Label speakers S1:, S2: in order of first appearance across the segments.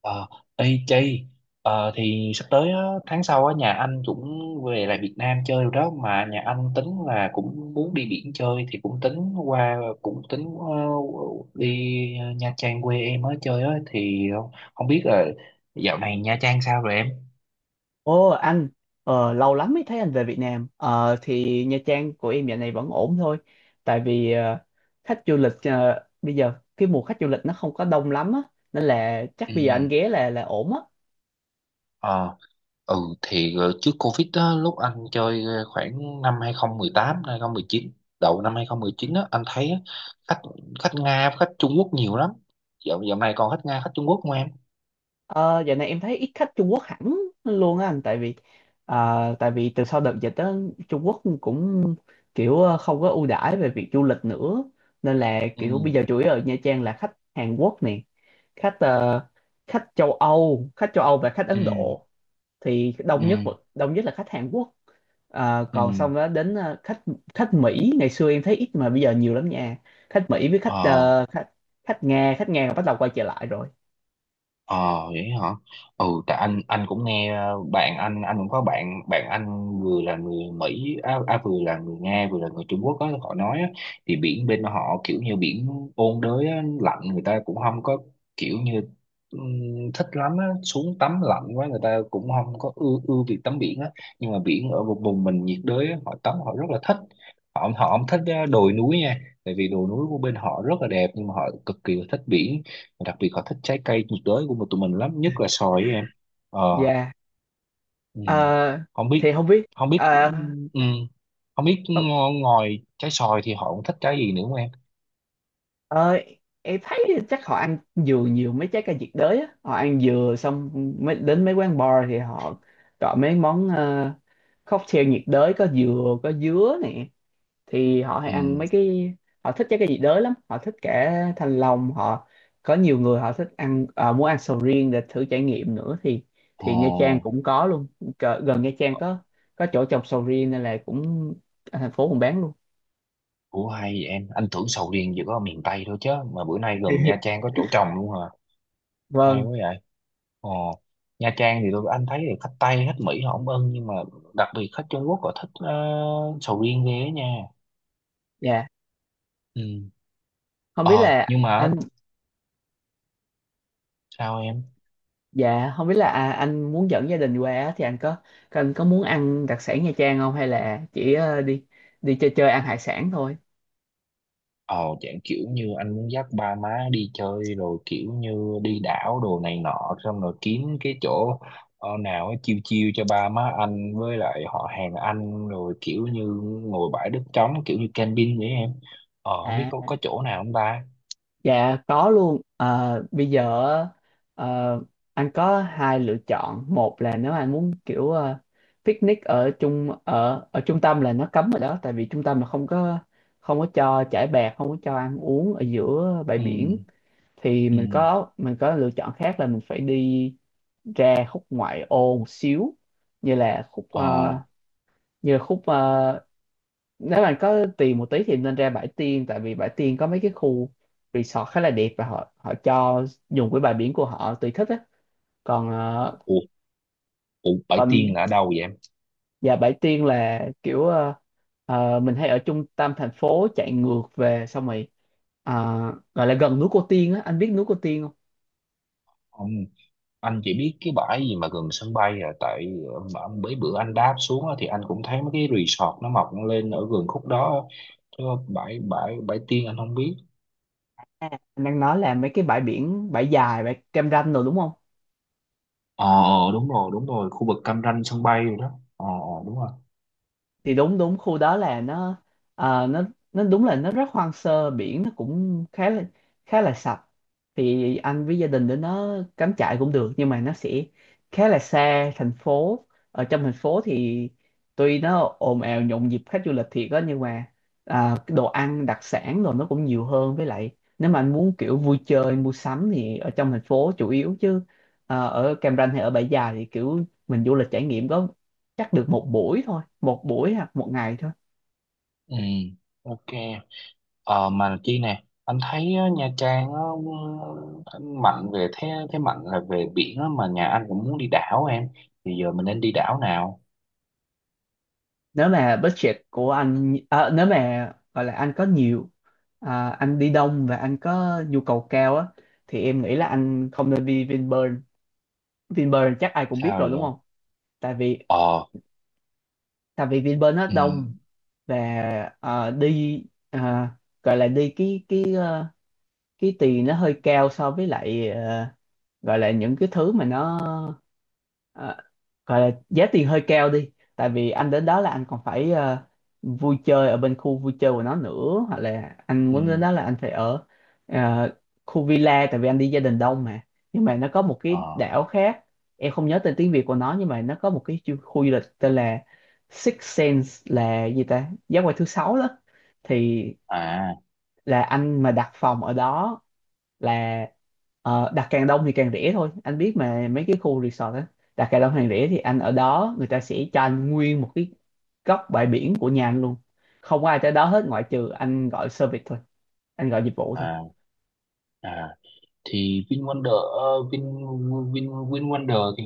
S1: Ờ, ê Chi, thì sắp tới á, tháng sau á, nhà anh cũng về lại Việt Nam chơi rồi đó, mà nhà anh tính là cũng muốn đi biển chơi thì cũng tính qua, cũng tính đi Nha Trang quê em á chơi á, thì không biết là dạo này Nha Trang sao rồi em?
S2: Ồ anh, lâu lắm mới thấy anh về Việt Nam. Ờ, thì Nha Trang của em dạo này vẫn ổn thôi. Tại vì khách du lịch, bây giờ cái mùa khách du lịch nó không có đông lắm á, nên là chắc bây giờ anh ghé là ổn á.
S1: Ừ. Ừ, thì trước Covid đó, lúc anh chơi khoảng năm 2018, đầu năm 2019 á, anh thấy á, khách khách Nga, khách Trung Quốc nhiều lắm. Dạo Dạo này còn khách Nga, khách Trung Quốc không em?
S2: Ờ, Dạo này em thấy ít khách Trung Quốc hẳn luôn á anh, tại vì từ sau đợt dịch đó Trung Quốc cũng kiểu không có ưu đãi về việc du lịch nữa, nên là kiểu bây
S1: Ừ.
S2: giờ chủ yếu ở Nha Trang là khách Hàn Quốc nè, khách ờ, khách châu Âu và khách
S1: Ừ.
S2: Ấn Độ thì
S1: Ừ.
S2: đông nhất là khách Hàn Quốc.
S1: Ừ.
S2: Còn xong đó đến ờ, khách khách Mỹ ngày xưa em thấy ít mà bây giờ nhiều lắm nha. Khách Mỹ với khách
S1: Ờ.
S2: ờ, khách khách Nga bắt đầu quay trở lại rồi.
S1: Ờ, vậy hả? Ừ, tại anh cũng nghe bạn anh, cũng có bạn bạn anh vừa là người Mỹ, à vừa là người Nga, vừa là người Trung Quốc á, họ nói á, thì biển bên họ kiểu như biển ôn đới á, lạnh, người ta cũng không có kiểu như thích lắm á, xuống tắm lạnh quá, người ta cũng không có ưa ưa việc tắm biển á. Nhưng mà biển ở vùng vùng mình nhiệt đới á, họ tắm họ rất là thích. Họ Họ không thích đồi núi nha, tại vì đồi núi của bên họ rất là đẹp nhưng mà họ cực kỳ là thích biển. Đặc biệt họ thích trái cây nhiệt đới của tụi mình lắm, nhất là xoài ấy, em. Ờ.
S2: Dạ.
S1: Ừ.
S2: Ờ,
S1: không
S2: thì
S1: biết
S2: không biết.
S1: không biết
S2: ờ,
S1: ừ. không biết
S2: ờ,
S1: ngo- ngoài trái xoài thì họ cũng thích trái gì nữa không em?
S2: ờ, em thấy chắc họ ăn dừa nhiều, mấy trái cây nhiệt đới á họ ăn dừa xong mới đến mấy quán bar thì họ chọn mấy món cocktail nhiệt đới có dừa có dứa nè, thì họ hay
S1: Ừ.
S2: ăn mấy cái, họ thích cái gì đới lắm, họ thích cả thanh long. Họ có nhiều người họ thích ăn, muốn ăn sầu riêng để thử trải nghiệm nữa thì Nha Trang
S1: Ờ.
S2: cũng có luôn. Gần Nha Trang có chỗ trồng sầu riêng nên là cũng ở thành phố cũng bán luôn.
S1: Ủa, hay vậy em, anh tưởng sầu riêng chỉ có ở miền Tây thôi chứ, mà bữa nay gần Nha Trang có chỗ trồng luôn hả? Hay
S2: Vâng.
S1: quá vậy. Ờ, Nha Trang thì anh thấy là khách Tây, khách Mỹ họ không ưng, nhưng mà đặc biệt khách Trung Quốc họ thích sầu riêng ghê á nha.
S2: dạ
S1: Ừ.
S2: không biết
S1: ờ
S2: là
S1: nhưng mà
S2: anh
S1: sao em?
S2: dạ không biết là, anh muốn dẫn gia đình qua á, thì anh có muốn ăn đặc sản Nha Trang không, hay là chỉ đi đi chơi chơi ăn hải sản thôi?
S1: Ờ, dạng kiểu như anh muốn dắt ba má đi chơi, rồi kiểu như đi đảo đồ này nọ, xong rồi kiếm cái chỗ nào ấy, chiêu chiêu cho ba má anh với lại họ hàng anh, rồi kiểu như ngồi bãi đất trống, kiểu như camping vậy em. Ờ, không biết có
S2: à
S1: chỗ nào không ta?
S2: Dạ có luôn. Ờ, Bây giờ ờ, anh có hai lựa chọn. Một là nếu anh muốn kiểu picnic ở trung ở ở trung tâm là nó cấm rồi đó, tại vì trung tâm là không có cho trải bạt, không có cho ăn uống ở giữa bãi
S1: Ừ.
S2: biển. Thì
S1: Ừ.
S2: mình có lựa chọn khác là mình phải đi ra khúc ngoại ô một xíu, như là khúc
S1: Ờ.
S2: ờ, như là khúc ờ, nếu bạn có tiền một tí thì nên ra Bãi Tiên, tại vì Bãi Tiên có mấy cái khu resort khá là đẹp và họ họ cho dùng cái bãi biển của họ tùy thích á. còn ờ,
S1: ủa, ủa, bãi
S2: còn
S1: tiên là ở đâu vậy em?
S2: và Bãi Tiên là kiểu, mình hay ở trung tâm thành phố chạy ngược về, xong rồi ờ, gọi là gần núi Cô Tiên á, anh biết núi Cô Tiên không?
S1: Ừ, anh chỉ biết cái bãi gì mà gần sân bay à, mà mấy bữa anh đáp xuống á, thì anh cũng thấy mấy cái resort nó mọc lên ở gần khúc đó á. Chứ bãi bãi bãi Tiên anh không biết.
S2: À, anh đang nói là mấy cái bãi biển, Bãi Dài, bãi Cam Ranh rồi đúng không.
S1: Ờ, đúng rồi, đúng rồi, khu vực Cam Ranh sân bay rồi đó. Ờ, đúng rồi.
S2: Thì đúng đúng khu đó là nó, ờ, nó nó đúng là nó rất hoang sơ, biển nó cũng khá là sạch, thì anh với gia đình đến nó cắm trại cũng được nhưng mà nó sẽ khá là xa thành phố. Ở trong thành phố thì tuy nó ồn ào nhộn nhịp khách du lịch thiệt á, nhưng mà cái đồ ăn đặc sản rồi nó cũng nhiều hơn, với lại nếu mà anh muốn kiểu vui chơi mua sắm thì ở trong thành phố chủ yếu, chứ ở Cam Ranh hay ở Bãi Dài thì kiểu mình du lịch trải nghiệm có chắc được một buổi thôi, một buổi hoặc một ngày thôi.
S1: Ừ. OK. Ờ, mà Chi nè, anh thấy á, Nha Trang á, ừ, anh mạnh về thế thế mạnh là về biển á, mà nhà anh cũng muốn đi đảo em, thì giờ mình nên đi đảo nào?
S2: Nếu mà budget của anh, nếu mà gọi là anh có nhiều, anh đi đông và anh có nhu cầu cao á, thì em nghĩ là anh không nên đi Vinpearl. Vinpearl chắc ai cũng biết
S1: Sao
S2: rồi đúng
S1: vậy?
S2: không. tại vì
S1: Ờ.
S2: tại vì Vinpearl nó
S1: Ừ.
S2: đông, và à, đi à, gọi là đi cái tiền nó hơi cao so với lại gọi là những cái thứ mà nó, ờ, gọi là giá tiền hơi cao đi, tại vì anh đến đó là anh còn phải vui chơi ở bên khu vui chơi của nó nữa, hoặc là anh
S1: Ừ.
S2: muốn đến đó là anh phải ở ờ, khu villa, tại vì anh đi gia đình đông mà. Nhưng mà nó có một cái
S1: Ờ.
S2: đảo khác, em không nhớ tên tiếng Việt của nó nhưng mà nó có một cái khu du lịch tên là Six Sense, là gì ta, giác quan thứ sáu đó. Thì
S1: À.
S2: là anh mà đặt phòng ở đó là, đặt càng đông thì càng rẻ thôi, anh biết mà mấy cái khu resort á, đặt càng đông càng rẻ, thì anh ở đó người ta sẽ cho anh nguyên một cái góc bãi biển của nhà anh luôn, không có ai tới đó hết ngoại trừ anh gọi service thôi, anh gọi dịch vụ thôi.
S1: À. À, thì VinWonder, ờ, Vin Vin VinWonder thì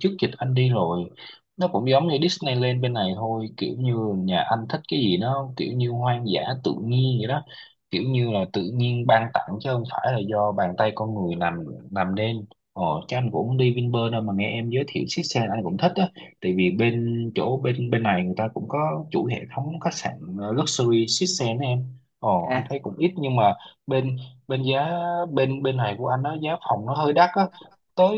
S1: trước dịch anh đi rồi. Nó cũng giống như Disneyland bên này thôi, kiểu như nhà anh thích cái gì nó kiểu như hoang dã tự nhiên vậy đó, kiểu như là tự nhiên ban tặng chứ không phải là do bàn tay con người làm nên. Ờ, chứ anh cũng không đi Vinpearl đâu, mà nghe em giới thiệu chiếc xe anh cũng thích á. Tại vì bên chỗ bên bên này người ta cũng có chuỗi hệ thống khách sạn luxury chiếc xe đó em. Ờ, anh
S2: à,
S1: thấy cũng ít, nhưng mà bên bên giá bên bên này của anh nó giá phòng nó hơi đắt á, tới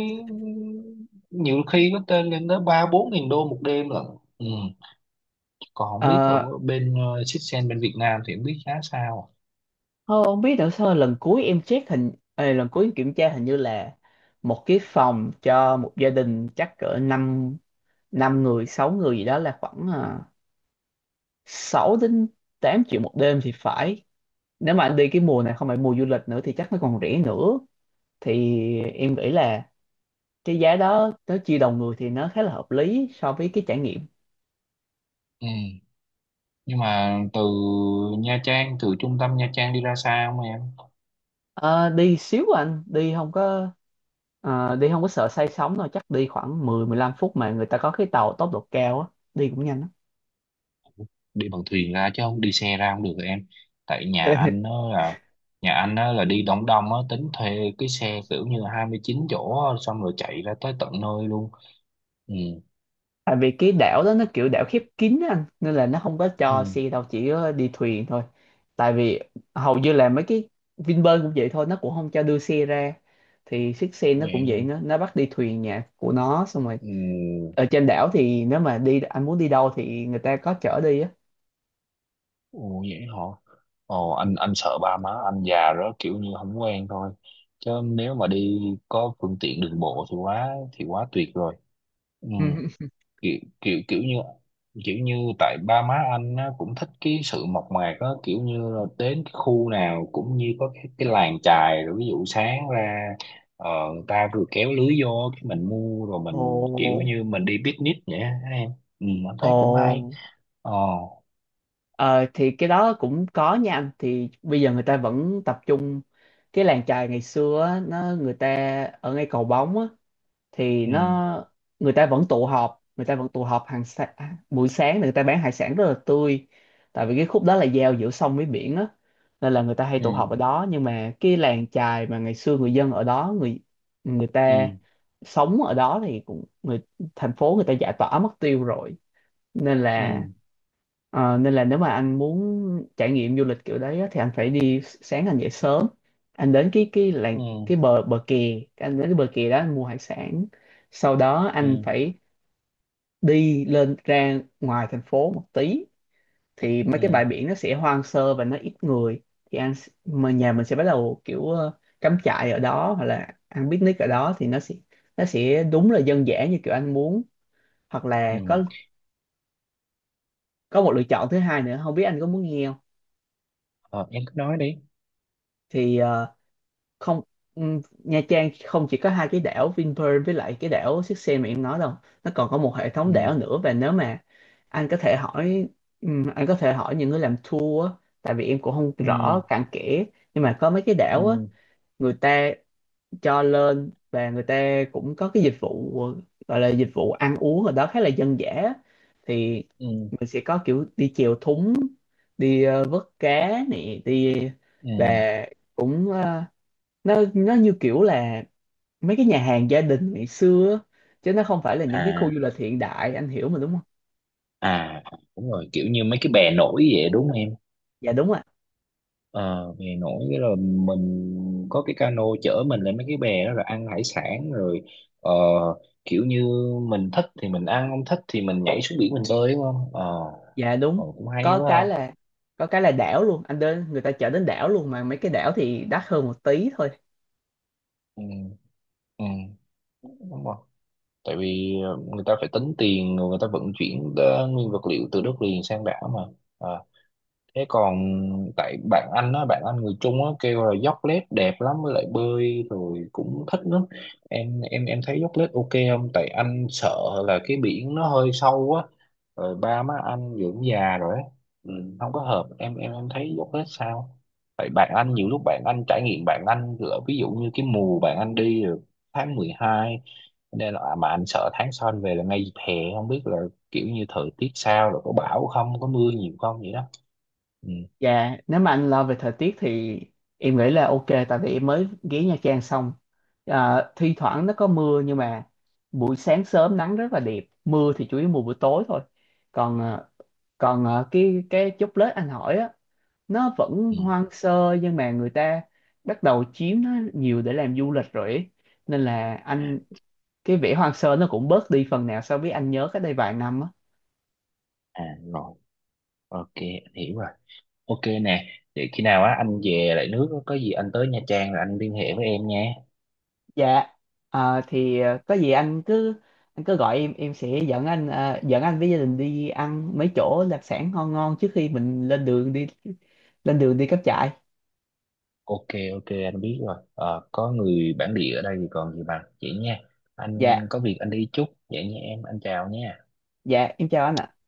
S1: nhiều khi có tên lên tới ba bốn nghìn đô một đêm lận. Ừ. Còn không biết ở
S2: ờ,
S1: bên Sitsen bên Việt Nam thì không biết giá sao.
S2: Thôi không biết nữa, sao lần cuối em check hình, lần cuối em kiểm tra hình như là một cái phòng cho một gia đình chắc cỡ năm năm người, sáu người gì đó là khoảng 6 đến 8 triệu một đêm thì phải. Nếu mà anh đi cái mùa này không phải mùa du lịch nữa thì chắc nó còn rẻ nữa, thì em nghĩ là cái giá đó nó chia đầu người thì nó khá là hợp lý so với cái trải nghiệm.
S1: Ừ. Nhưng mà từ trung tâm Nha Trang đi ra xa không em?
S2: Ờ, Đi xíu à anh, đi không có đi không có sợ say sóng đâu, chắc đi khoảng 10 15 phút, mà người ta có cái tàu tốc độ cao á, đi cũng nhanh lắm.
S1: Đi bằng thuyền ra chứ không đi xe ra không được rồi em? Tại nhà anh đó là đi đóng Đông á, tính thuê cái xe kiểu như 29 chỗ á, xong rồi chạy ra tới tận nơi luôn. Ừ.
S2: Tại vì cái đảo đó nó kiểu đảo khép kín á anh, nên là nó không có cho
S1: Ừ.
S2: xe đâu, chỉ có đi thuyền thôi. Tại vì hầu như là mấy cái Vinpearl cũng vậy thôi, nó cũng không cho đưa xe ra, thì chiếc xe nó cũng vậy, nó bắt đi thuyền nhà của nó, xong rồi
S1: Ừ,
S2: ở trên đảo thì nếu mà đi anh muốn đi đâu thì người ta có chở đi á.
S1: ồ vậy hả? Ồ, anh sợ ba má anh già đó, kiểu như không quen thôi. Chứ nếu mà đi có phương tiện đường bộ thì quá tuyệt rồi. Ừ, kiểu kiểu kiểu như tại ba má anh á, cũng thích cái sự mộc mạc á, kiểu như là đến cái khu nào cũng như có cái làng chài, rồi ví dụ sáng ra người ta vừa kéo lưới vô cái mình mua, rồi
S2: Ồ,
S1: mình kiểu như mình đi picnic vậy á, ha em. Ừ, anh
S2: ồ,
S1: thấy cũng hay. Ờ.
S2: ờ, Thì cái đó cũng có nha anh, thì bây giờ người ta vẫn tập trung cái làng chài ngày xưa á, nó người ta ở ngay cầu bóng á, thì
S1: Ừ.
S2: nó người ta vẫn tụ họp người ta vẫn tụ họp buổi sáng, người ta bán hải sản rất là tươi, tại vì cái khúc đó là giao giữa sông với biển á, nên là người ta hay tụ họp
S1: Ừ.
S2: ở đó. Nhưng mà cái làng chài mà ngày xưa người dân ở đó, người người ta
S1: Ừ.
S2: sống ở đó thì cũng người thành phố người ta giải tỏa mất tiêu rồi, nên
S1: Ừ.
S2: là nên là nếu mà anh muốn trải nghiệm du lịch kiểu đấy á, thì anh phải đi sáng anh dậy sớm, anh đến cái làng,
S1: Ừ.
S2: cái bờ bờ kè, anh đến cái bờ kè đó anh mua hải sản, sau đó anh
S1: Ừ.
S2: phải đi lên ra ngoài thành phố một tí, thì mấy cái
S1: Ừ.
S2: bãi biển nó sẽ hoang sơ và nó ít người, thì mà nhà mình sẽ bắt đầu kiểu cắm trại ở đó hoặc là ăn picnic ở đó, thì nó sẽ đúng là dân dã như kiểu anh muốn. Hoặc là
S1: Ừ.
S2: có một lựa chọn thứ hai nữa, không biết anh có muốn nghe không.
S1: Ờ, em cứ nói đi.
S2: Thì không, Nha Trang không chỉ có hai cái đảo Vinpearl với lại cái đảo Siếc Xe mà em nói đâu, nó còn có một hệ thống
S1: Ừ.
S2: đảo nữa. Và nếu mà anh có thể hỏi anh có thể hỏi những người làm tour á, tại vì em cũng không
S1: Ừ.
S2: rõ cặn kẽ, nhưng mà có mấy cái đảo á
S1: Ừ.
S2: người ta cho lên và người ta cũng có cái dịch vụ, gọi là dịch vụ ăn uống ở đó khá là dân dã á. Thì
S1: Ừ.
S2: mình sẽ có kiểu đi chèo thúng, đi vớt cá nè, đi và
S1: Ừ.
S2: cũng nó như kiểu là mấy cái nhà hàng gia đình ngày xưa á, chứ nó không phải là những cái khu
S1: À.
S2: du lịch hiện đại, anh hiểu mà đúng không.
S1: À, đúng rồi, kiểu như mấy cái bè nổi vậy đúng không em?
S2: Dạ đúng ạ.
S1: Ờ, bè nổi cái rồi mình có cái cano chở mình lên mấy cái bè đó rồi ăn hải sản rồi, ờ, kiểu như mình thích thì mình ăn, không thích thì mình nhảy xuống biển mình bơi đúng không. Ờ.
S2: Dạ đúng.
S1: Ờ, cũng hay
S2: có
S1: quá ha.
S2: cái là có cái là đảo luôn, anh đến người ta chở đến đảo luôn, mà mấy cái đảo thì đắt hơn một tí thôi.
S1: Ừ. Ừ, đúng rồi, tại vì người ta phải tính tiền, rồi người ta vận chuyển nguyên vật liệu từ đất liền sang đảo mà. À, thế còn tại bạn anh á, bạn anh người Trung á kêu là dốc lết đẹp lắm, với lại bơi rồi cũng thích lắm. Em thấy dốc lết OK không? Tại anh sợ là cái biển nó hơi sâu á, rồi ba má anh dưỡng già rồi á, ừ, không có hợp. Em thấy dốc lết sao? Tại bạn anh nhiều lúc bạn anh trải nghiệm, bạn anh lỡ, ví dụ như cái mùa bạn anh đi là tháng 12, nên là mà anh sợ tháng sau anh về là ngay dịp hè, không biết là kiểu như thời tiết sao rồi, có bão không, có mưa nhiều không, vậy đó. Ừ.
S2: Dạ. Nếu mà anh lo về thời tiết thì em nghĩ là ok, tại vì em mới ghé Nha Trang xong, thi thoảng nó có mưa nhưng mà buổi sáng sớm nắng rất là đẹp, mưa thì chủ yếu mùa buổi tối thôi. còn à, cái chốc lết anh hỏi á, nó vẫn
S1: Ừ.
S2: hoang sơ nhưng mà người ta bắt đầu chiếm nó nhiều để làm du lịch rồi ấy. Nên là anh, cái vẻ hoang sơ nó cũng bớt đi phần nào so với anh nhớ cách đây vài năm á.
S1: À rồi, OK, anh hiểu rồi. OK nè, vậy khi nào á anh về lại nước có gì anh tới Nha Trang là anh liên hệ với em nha.
S2: Dạ. Thì có gì anh cứ gọi em sẽ dẫn anh với gia đình đi ăn mấy chỗ đặc sản ngon ngon trước khi mình lên đường đi cắm trại.
S1: OK, OK, anh biết rồi. Ờ, có người bản địa ở đây thì còn gì bằng. Vậy nha, anh
S2: Dạ.
S1: có việc anh đi chút. Vậy nha em, anh chào nha.
S2: Dạ em chào anh ạ.